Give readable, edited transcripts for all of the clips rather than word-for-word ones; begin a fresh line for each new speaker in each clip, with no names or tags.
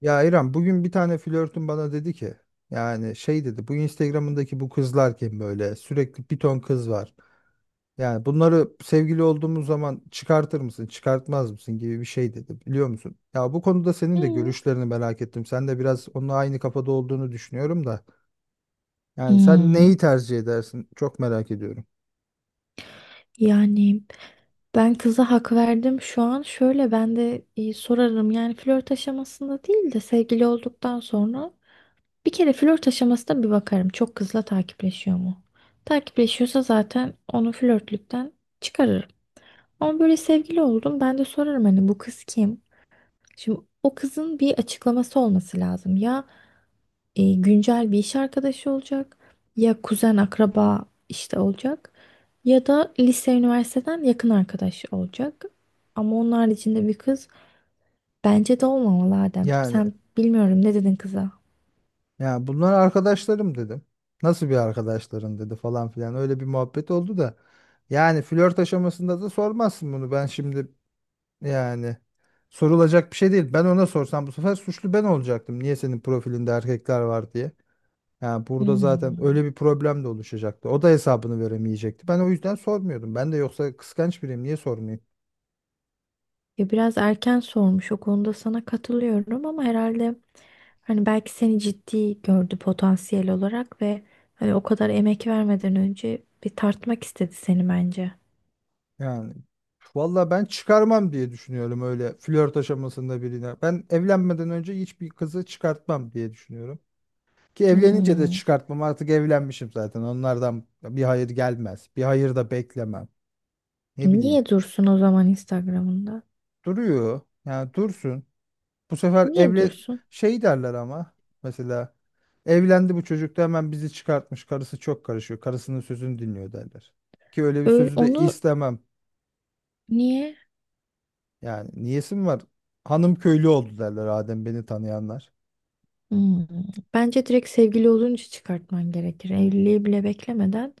Ya İrem bugün bir tane flörtüm bana dedi ki yani şey dedi bu Instagram'ındaki bu kızlar kim böyle sürekli bir ton kız var. Yani bunları sevgili olduğumuz zaman çıkartır mısın çıkartmaz mısın gibi bir şey dedi, biliyor musun? Ya bu konuda senin de
Hı.
görüşlerini merak ettim. Sen de biraz onunla aynı kafada olduğunu düşünüyorum da. Yani sen
Hmm.
neyi tercih edersin, çok merak ediyorum.
Yani ben kıza hak verdim şu an. Şöyle ben de sorarım. Yani flört aşamasında değil de sevgili olduktan sonra bir kere flört aşamasında bir bakarım. Çok kızla takipleşiyor mu? Takipleşiyorsa zaten onu flörtlükten çıkarırım. Ama böyle sevgili oldum. Ben de sorarım hani bu kız kim? Şimdi o kızın bir açıklaması olması lazım. Ya güncel bir iş arkadaşı olacak ya kuzen akraba işte olacak ya da lise üniversiteden yakın arkadaş olacak. Ama onun haricinde bir kız bence de olmamalı Adem.
Yani
Sen bilmiyorum ne dedin kıza?
Ya bunlar arkadaşlarım dedim. Nasıl bir arkadaşların dedi falan filan. Öyle bir muhabbet oldu da. Yani flört aşamasında da sormazsın bunu. Ben şimdi yani sorulacak bir şey değil. Ben ona sorsam bu sefer suçlu ben olacaktım. Niye senin profilinde erkekler var diye. Yani burada zaten
Hmm.
öyle bir problem de oluşacaktı. O da hesabını veremeyecekti. Ben o yüzden sormuyordum. Ben de yoksa kıskanç biriyim. Niye sormayayım?
Ya biraz erken sormuş o konuda sana katılıyorum ama herhalde hani belki seni ciddi gördü potansiyel olarak ve hani o kadar emek vermeden önce bir tartmak istedi seni bence.
Yani valla ben çıkarmam diye düşünüyorum öyle flört aşamasında birine. Ben evlenmeden önce hiçbir kızı çıkartmam diye düşünüyorum. Ki evlenince de
Hmm.
çıkartmam, artık evlenmişim zaten. Onlardan bir hayır gelmez. Bir hayır da beklemem. Ne bileyim.
Niye dursun o zaman Instagram'ında?
Duruyor. Yani dursun. Bu sefer
Niye
evle
dursun?
şey derler ama mesela evlendi bu çocuk da hemen bizi çıkartmış. Karısı çok karışıyor. Karısının sözünü dinliyor derler. Ki öyle bir
Öyle,
sözü de
onu
istemem.
niye?
Yani niyesi mi var? Hanım köylü oldu derler Adem beni tanıyanlar.
Hmm. Bence direkt sevgili olunca çıkartman gerekir. Evliliği bile beklemeden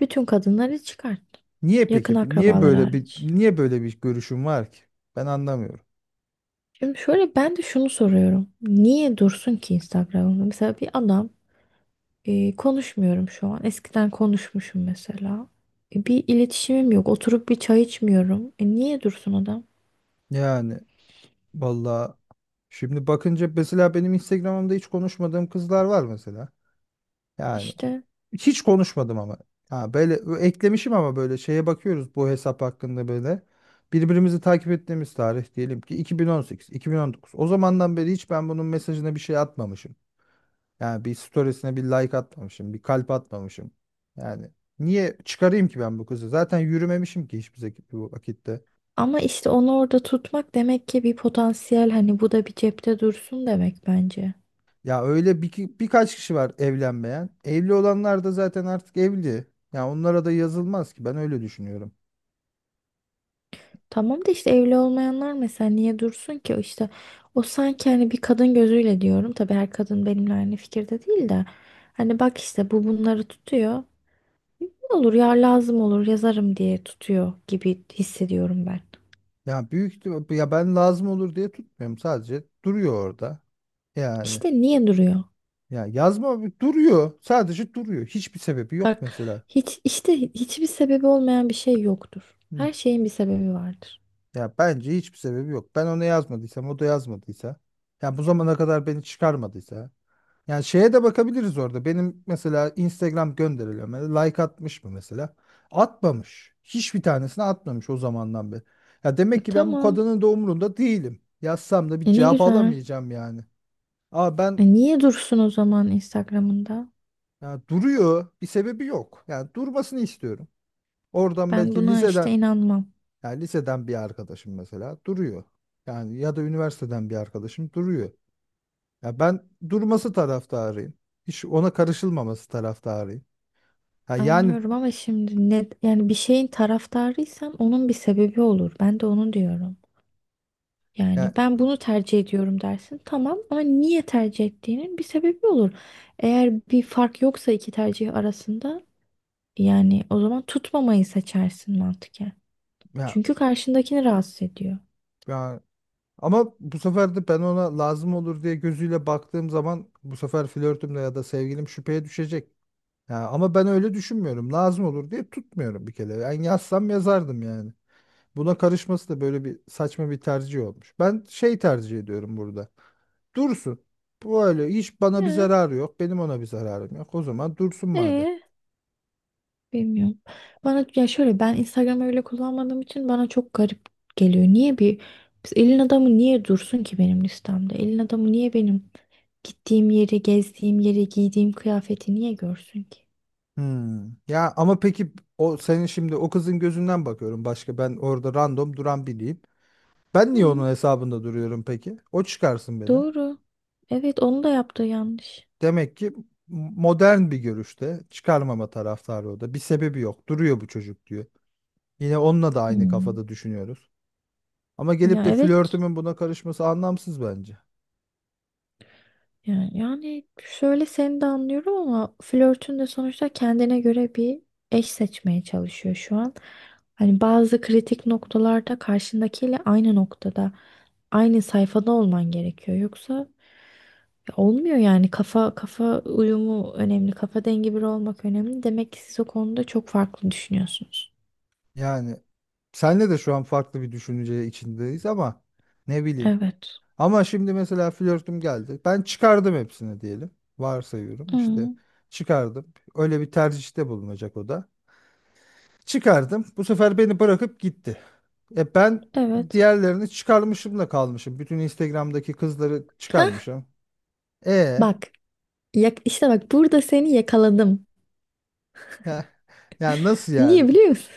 bütün kadınları çıkart.
Niye
Yakın
peki? Niye
akrabalar
böyle bir
hariç.
niye böyle bir görüşüm var ki? Ben anlamıyorum.
Şimdi şöyle ben de şunu soruyorum. Niye dursun ki Instagram'da? Mesela bir adam konuşmuyorum şu an. Eskiden konuşmuşum mesela. Bir iletişimim yok. Oturup bir çay içmiyorum. E, niye dursun adam?
Yani vallahi şimdi bakınca mesela benim Instagram'ımda hiç konuşmadığım kızlar var mesela. Yani
İşte
hiç konuşmadım ama. Ha böyle eklemişim, ama böyle şeye bakıyoruz bu hesap hakkında böyle. Birbirimizi takip ettiğimiz tarih diyelim ki 2018, 2019. O zamandan beri hiç ben bunun mesajına bir şey atmamışım. Yani bir storiesine bir like atmamışım, bir kalp atmamışım. Yani niye çıkarayım ki ben bu kızı? Zaten yürümemişim ki bu vakitte.
ama işte onu orada tutmak demek ki bir potansiyel hani bu da bir cepte dursun demek bence.
Birkaç kişi var evlenmeyen. Evli olanlar da zaten artık evli. Ya onlara da yazılmaz ki, ben öyle düşünüyorum.
Tamam da işte evli olmayanlar mesela niye dursun ki? İşte o sanki hani bir kadın gözüyle diyorum. Tabii her kadın benimle aynı fikirde değil de. Hani bak işte bu bunları tutuyor. Ne olur ya lazım olur yazarım diye tutuyor gibi hissediyorum ben.
Ya ben lazım olur diye tutmuyorum, sadece duruyor orada. Yani
İşte niye duruyor?
ya yazma Duruyor sadece duruyor. Hiçbir sebebi yok
Bak
mesela.
hiç işte hiçbir sebebi olmayan bir şey yoktur. Her şeyin bir sebebi vardır.
Ya bence hiçbir sebebi yok. Ben ona yazmadıysam, o da yazmadıysa, ya bu zamana kadar beni çıkarmadıysa. Yani şeye de bakabiliriz orada. Benim mesela Instagram gönderilerime like atmış mı mesela? Atmamış. Hiçbir tanesini atmamış o zamandan beri. Ya
E
demek ki ben bu
tamam.
kadının da umurunda değilim. Yazsam da bir
E ne
cevap
güzel.
alamayacağım yani. Ama ben,
E niye dursun o zaman Instagram'ında?
ya duruyor, bir sebebi yok. Yani durmasını istiyorum. Oradan
Ben
belki
buna işte
liseden,
inanmam.
yani liseden bir arkadaşım mesela duruyor. Yani ya da üniversiteden bir arkadaşım duruyor. Ya ben durması taraftarıyım. Hiç ona karışılmaması taraftarıyım. Ha yani
Anlıyorum ama şimdi ne yani bir şeyin taraftarıysan onun bir sebebi olur. Ben de onu diyorum. Yani
ya,
ben bunu tercih ediyorum dersin. Tamam ama niye tercih ettiğinin bir sebebi olur. Eğer bir fark yoksa iki tercih arasında yani o zaman tutmamayı seçersin mantıken.
ya,
Çünkü karşındakini rahatsız ediyor.
ya- Ama bu sefer de ben ona lazım olur diye gözüyle baktığım zaman bu sefer flörtümle ya da sevgilim şüpheye düşecek. Ya ama ben öyle düşünmüyorum. Lazım olur diye tutmuyorum bir kere. Yani yazsam yazardım yani. Buna karışması da böyle bir saçma bir tercih olmuş. Ben şey tercih ediyorum burada. Dursun. Bu öyle hiç bana bir
Ee,
zararı yok. Benim ona bir zararım yok. O zaman dursun madem.
ee? Bilmiyorum. Bana ya şöyle ben Instagram'ı öyle kullanmadığım için bana çok garip geliyor. Niye bir biz elin adamı niye dursun ki benim listemde? Elin adamı niye benim gittiğim yeri, gezdiğim yeri, giydiğim kıyafeti niye görsün ki?
Hmm. Ya ama peki o senin şimdi, o kızın gözünden bakıyorum, başka ben orada random duran biriyim. Ben niye
Hı,
onun hesabında duruyorum peki? O çıkarsın beni.
doğru. Evet onu da yaptığı yanlış.
Demek ki modern bir görüşte, çıkarmama taraftarı o da. Bir sebebi yok. Duruyor bu çocuk diyor. Yine onunla da aynı
Hmm.
kafada düşünüyoruz. Ama gelip
Ya
de
evet.
flörtümün buna karışması anlamsız bence.
Yani, yani şöyle seni de anlıyorum ama flörtün de sonuçta kendine göre bir eş seçmeye çalışıyor şu an. Hani bazı kritik noktalarda karşındakiyle aynı noktada, aynı sayfada olman gerekiyor. Yoksa ya olmuyor yani kafa kafa uyumu önemli, kafa dengi biri olmak önemli. Demek ki siz o konuda çok farklı düşünüyorsunuz.
Yani senle de şu an farklı bir düşünce içindeyiz ama ne bileyim.
Evet.
Ama şimdi mesela flörtüm geldi. Ben çıkardım hepsini diyelim. Varsayıyorum işte,
Hmm,
çıkardım. Öyle bir tercihte bulunacak o da. Çıkardım. Bu sefer beni bırakıp gitti. E ben
evet.
diğerlerini çıkarmışım da kalmışım. Bütün Instagram'daki kızları
Hah,
çıkarmışım. E
bak, işte bak burada seni yakaladım.
ya, ya nasıl yani?
Niye biliyor musun?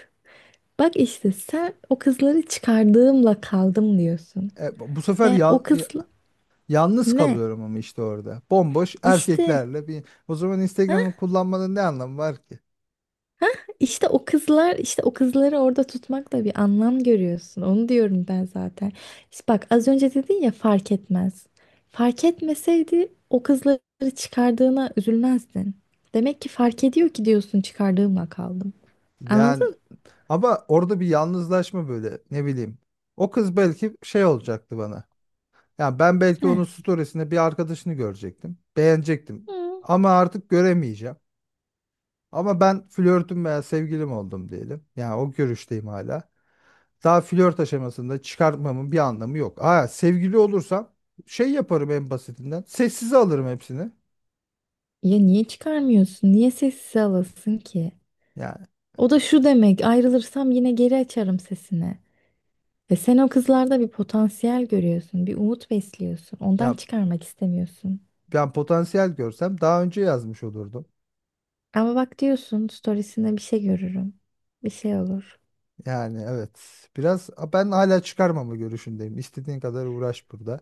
Bak işte sen o kızları çıkardığımla kaldım diyorsun.
E, bu bu sefer
Yani
ya-
o kız
ya- Yalnız
ne?
kalıyorum ama işte orada. Bomboş
İşte
erkeklerle bir, o zaman
ha?
Instagram'ı kullanmanın ne anlamı var ki?
İşte o kızlar işte o kızları orada tutmakla bir anlam görüyorsun. Onu diyorum ben zaten. İşte bak az önce dedin ya fark etmez. Fark etmeseydi o kızları çıkardığına üzülmezdin. Demek ki fark ediyor ki diyorsun çıkardığımla kaldım.
Yani
Anladın?
Ama orada bir yalnızlaşma böyle, ne bileyim. O kız belki şey olacaktı bana. Yani ben belki
Ne?
onun storiesinde bir arkadaşını görecektim. Beğenecektim.
Hı.
Ama artık göremeyeceğim. Ama ben flörtüm veya sevgilim oldum diyelim. Yani o görüşteyim hala. Daha flört aşamasında çıkartmamın bir anlamı yok. Aa sevgili olursam şey yaparım en basitinden. Sessize alırım hepsini.
Ya niye çıkarmıyorsun? Niye sessize alasın ki?
Yani
O da şu demek, ayrılırsam yine geri açarım sesini. Ve sen o kızlarda bir potansiyel görüyorsun, bir umut besliyorsun. Ondan
ya
çıkarmak istemiyorsun.
Ben potansiyel görsem daha önce yazmış olurdum.
Ama bak diyorsun, storiesinde bir şey görürüm. Bir şey olur.
Yani evet. Biraz ben hala çıkarmama görüşündeyim. İstediğin kadar uğraş burada.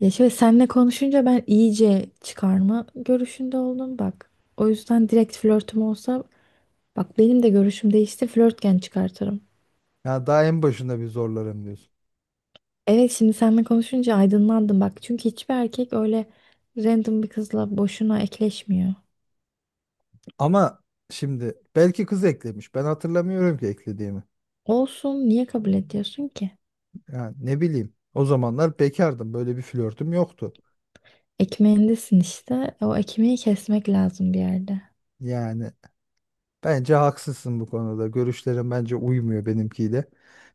Ya şöyle seninle konuşunca ben iyice çıkarma görüşünde oldum bak. O yüzden direkt flörtüm olsa, bak benim de görüşüm değişti, flörtken çıkartırım.
Ya daha en başında bir zorlarım diyorsun.
Evet şimdi seninle konuşunca aydınlandım bak. Çünkü hiçbir erkek öyle random bir kızla boşuna ekleşmiyor.
Ama şimdi belki kız eklemiş. Ben hatırlamıyorum ki eklediğimi.
Olsun niye kabul ediyorsun ki?
Yani ne bileyim. O zamanlar bekardım. Böyle bir flörtüm yoktu.
Ekmeğindesin işte. O ekmeği kesmek lazım bir yerde.
Yani bence haksızsın bu konuda. Görüşlerin bence uymuyor benimkiyle.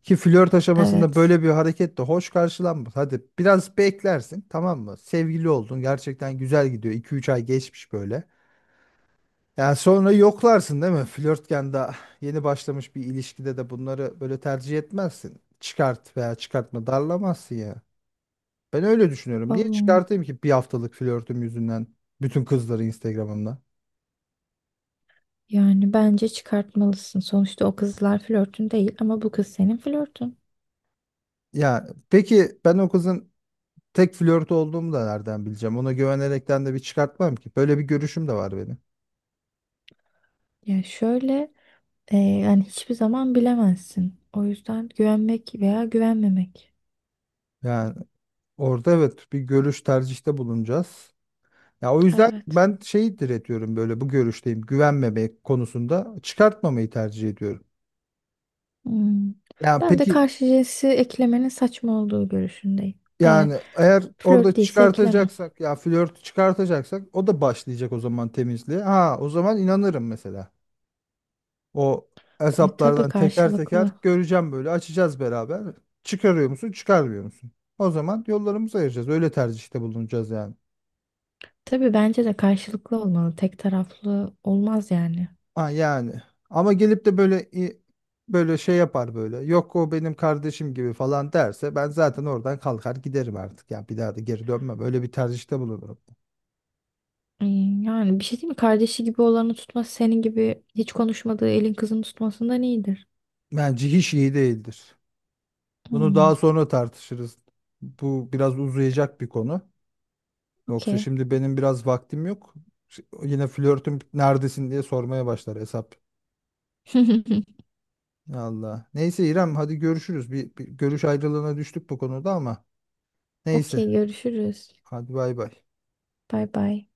Ki flört aşamasında
Evet.
böyle bir hareket de hoş karşılanmaz. Hadi biraz beklersin, tamam mı? Sevgili oldun. Gerçekten güzel gidiyor. 2 üç ay geçmiş böyle. Yani sonra yoklarsın değil mi? Flörtken, daha yeni başlamış bir ilişkide de bunları böyle tercih etmezsin. Çıkart veya çıkartma darlamazsın ya. Ben öyle düşünüyorum. Niye
Oğlum,
çıkartayım ki bir haftalık flörtüm yüzünden bütün kızları Instagram'ımda?
yani bence çıkartmalısın. Sonuçta o kızlar flörtün değil ama bu kız senin flörtün.
Ya peki ben o kızın tek flört olduğumu da nereden bileceğim? Ona güvenerekten de bir çıkartmam ki. Böyle bir görüşüm de var benim.
Ya şöyle yani hiçbir zaman bilemezsin. O yüzden güvenmek veya güvenmemek.
Yani orada evet bir görüş tercihte bulunacağız. Ya o yüzden
Evet.
ben şeyi diretiyorum, böyle bu görüşteyim, güvenmemek konusunda çıkartmamayı tercih ediyorum.
Hmm.
Yani
Ben de
peki
karşı cinsi eklemenin saçma olduğu görüşündeyim. Eğer
yani eğer
flört
orada
değilse eklemem.
çıkartacaksak, ya flört çıkartacaksak, o da başlayacak o zaman temizliğe. Ha o zaman inanırım mesela. O
Tabii
hesaplardan teker teker
karşılıklı.
göreceğim, böyle açacağız beraber. Çıkarıyor musun, çıkarmıyor musun? O zaman yollarımızı ayıracağız, öyle tercihte bulunacağız yani.
Tabii bence de karşılıklı olmalı. Tek taraflı olmaz yani.
Ha yani. Ama gelip de böyle i- Böyle şey yapar böyle. Yok o benim kardeşim gibi falan derse ben zaten oradan kalkar giderim artık. Ya bir daha da geri dönmem. Öyle bir tercihte bulunurum.
Hmm, yani bir şey değil mi? Kardeşi gibi olanı tutması senin gibi hiç konuşmadığı elin kızını tutmasından iyidir.
Bence hiç iyi değildir. Bunu
Hmm,
daha sonra tartışırız. Bu biraz uzayacak bir konu. Yoksa
okey.
şimdi benim biraz vaktim yok. Yine flörtüm neredesin diye sormaya başlar hesap. Allah. Neyse İrem hadi görüşürüz. Bir görüş ayrılığına düştük bu konuda ama. Neyse.
Okey görüşürüz.
Hadi bay bay.
Bay bay.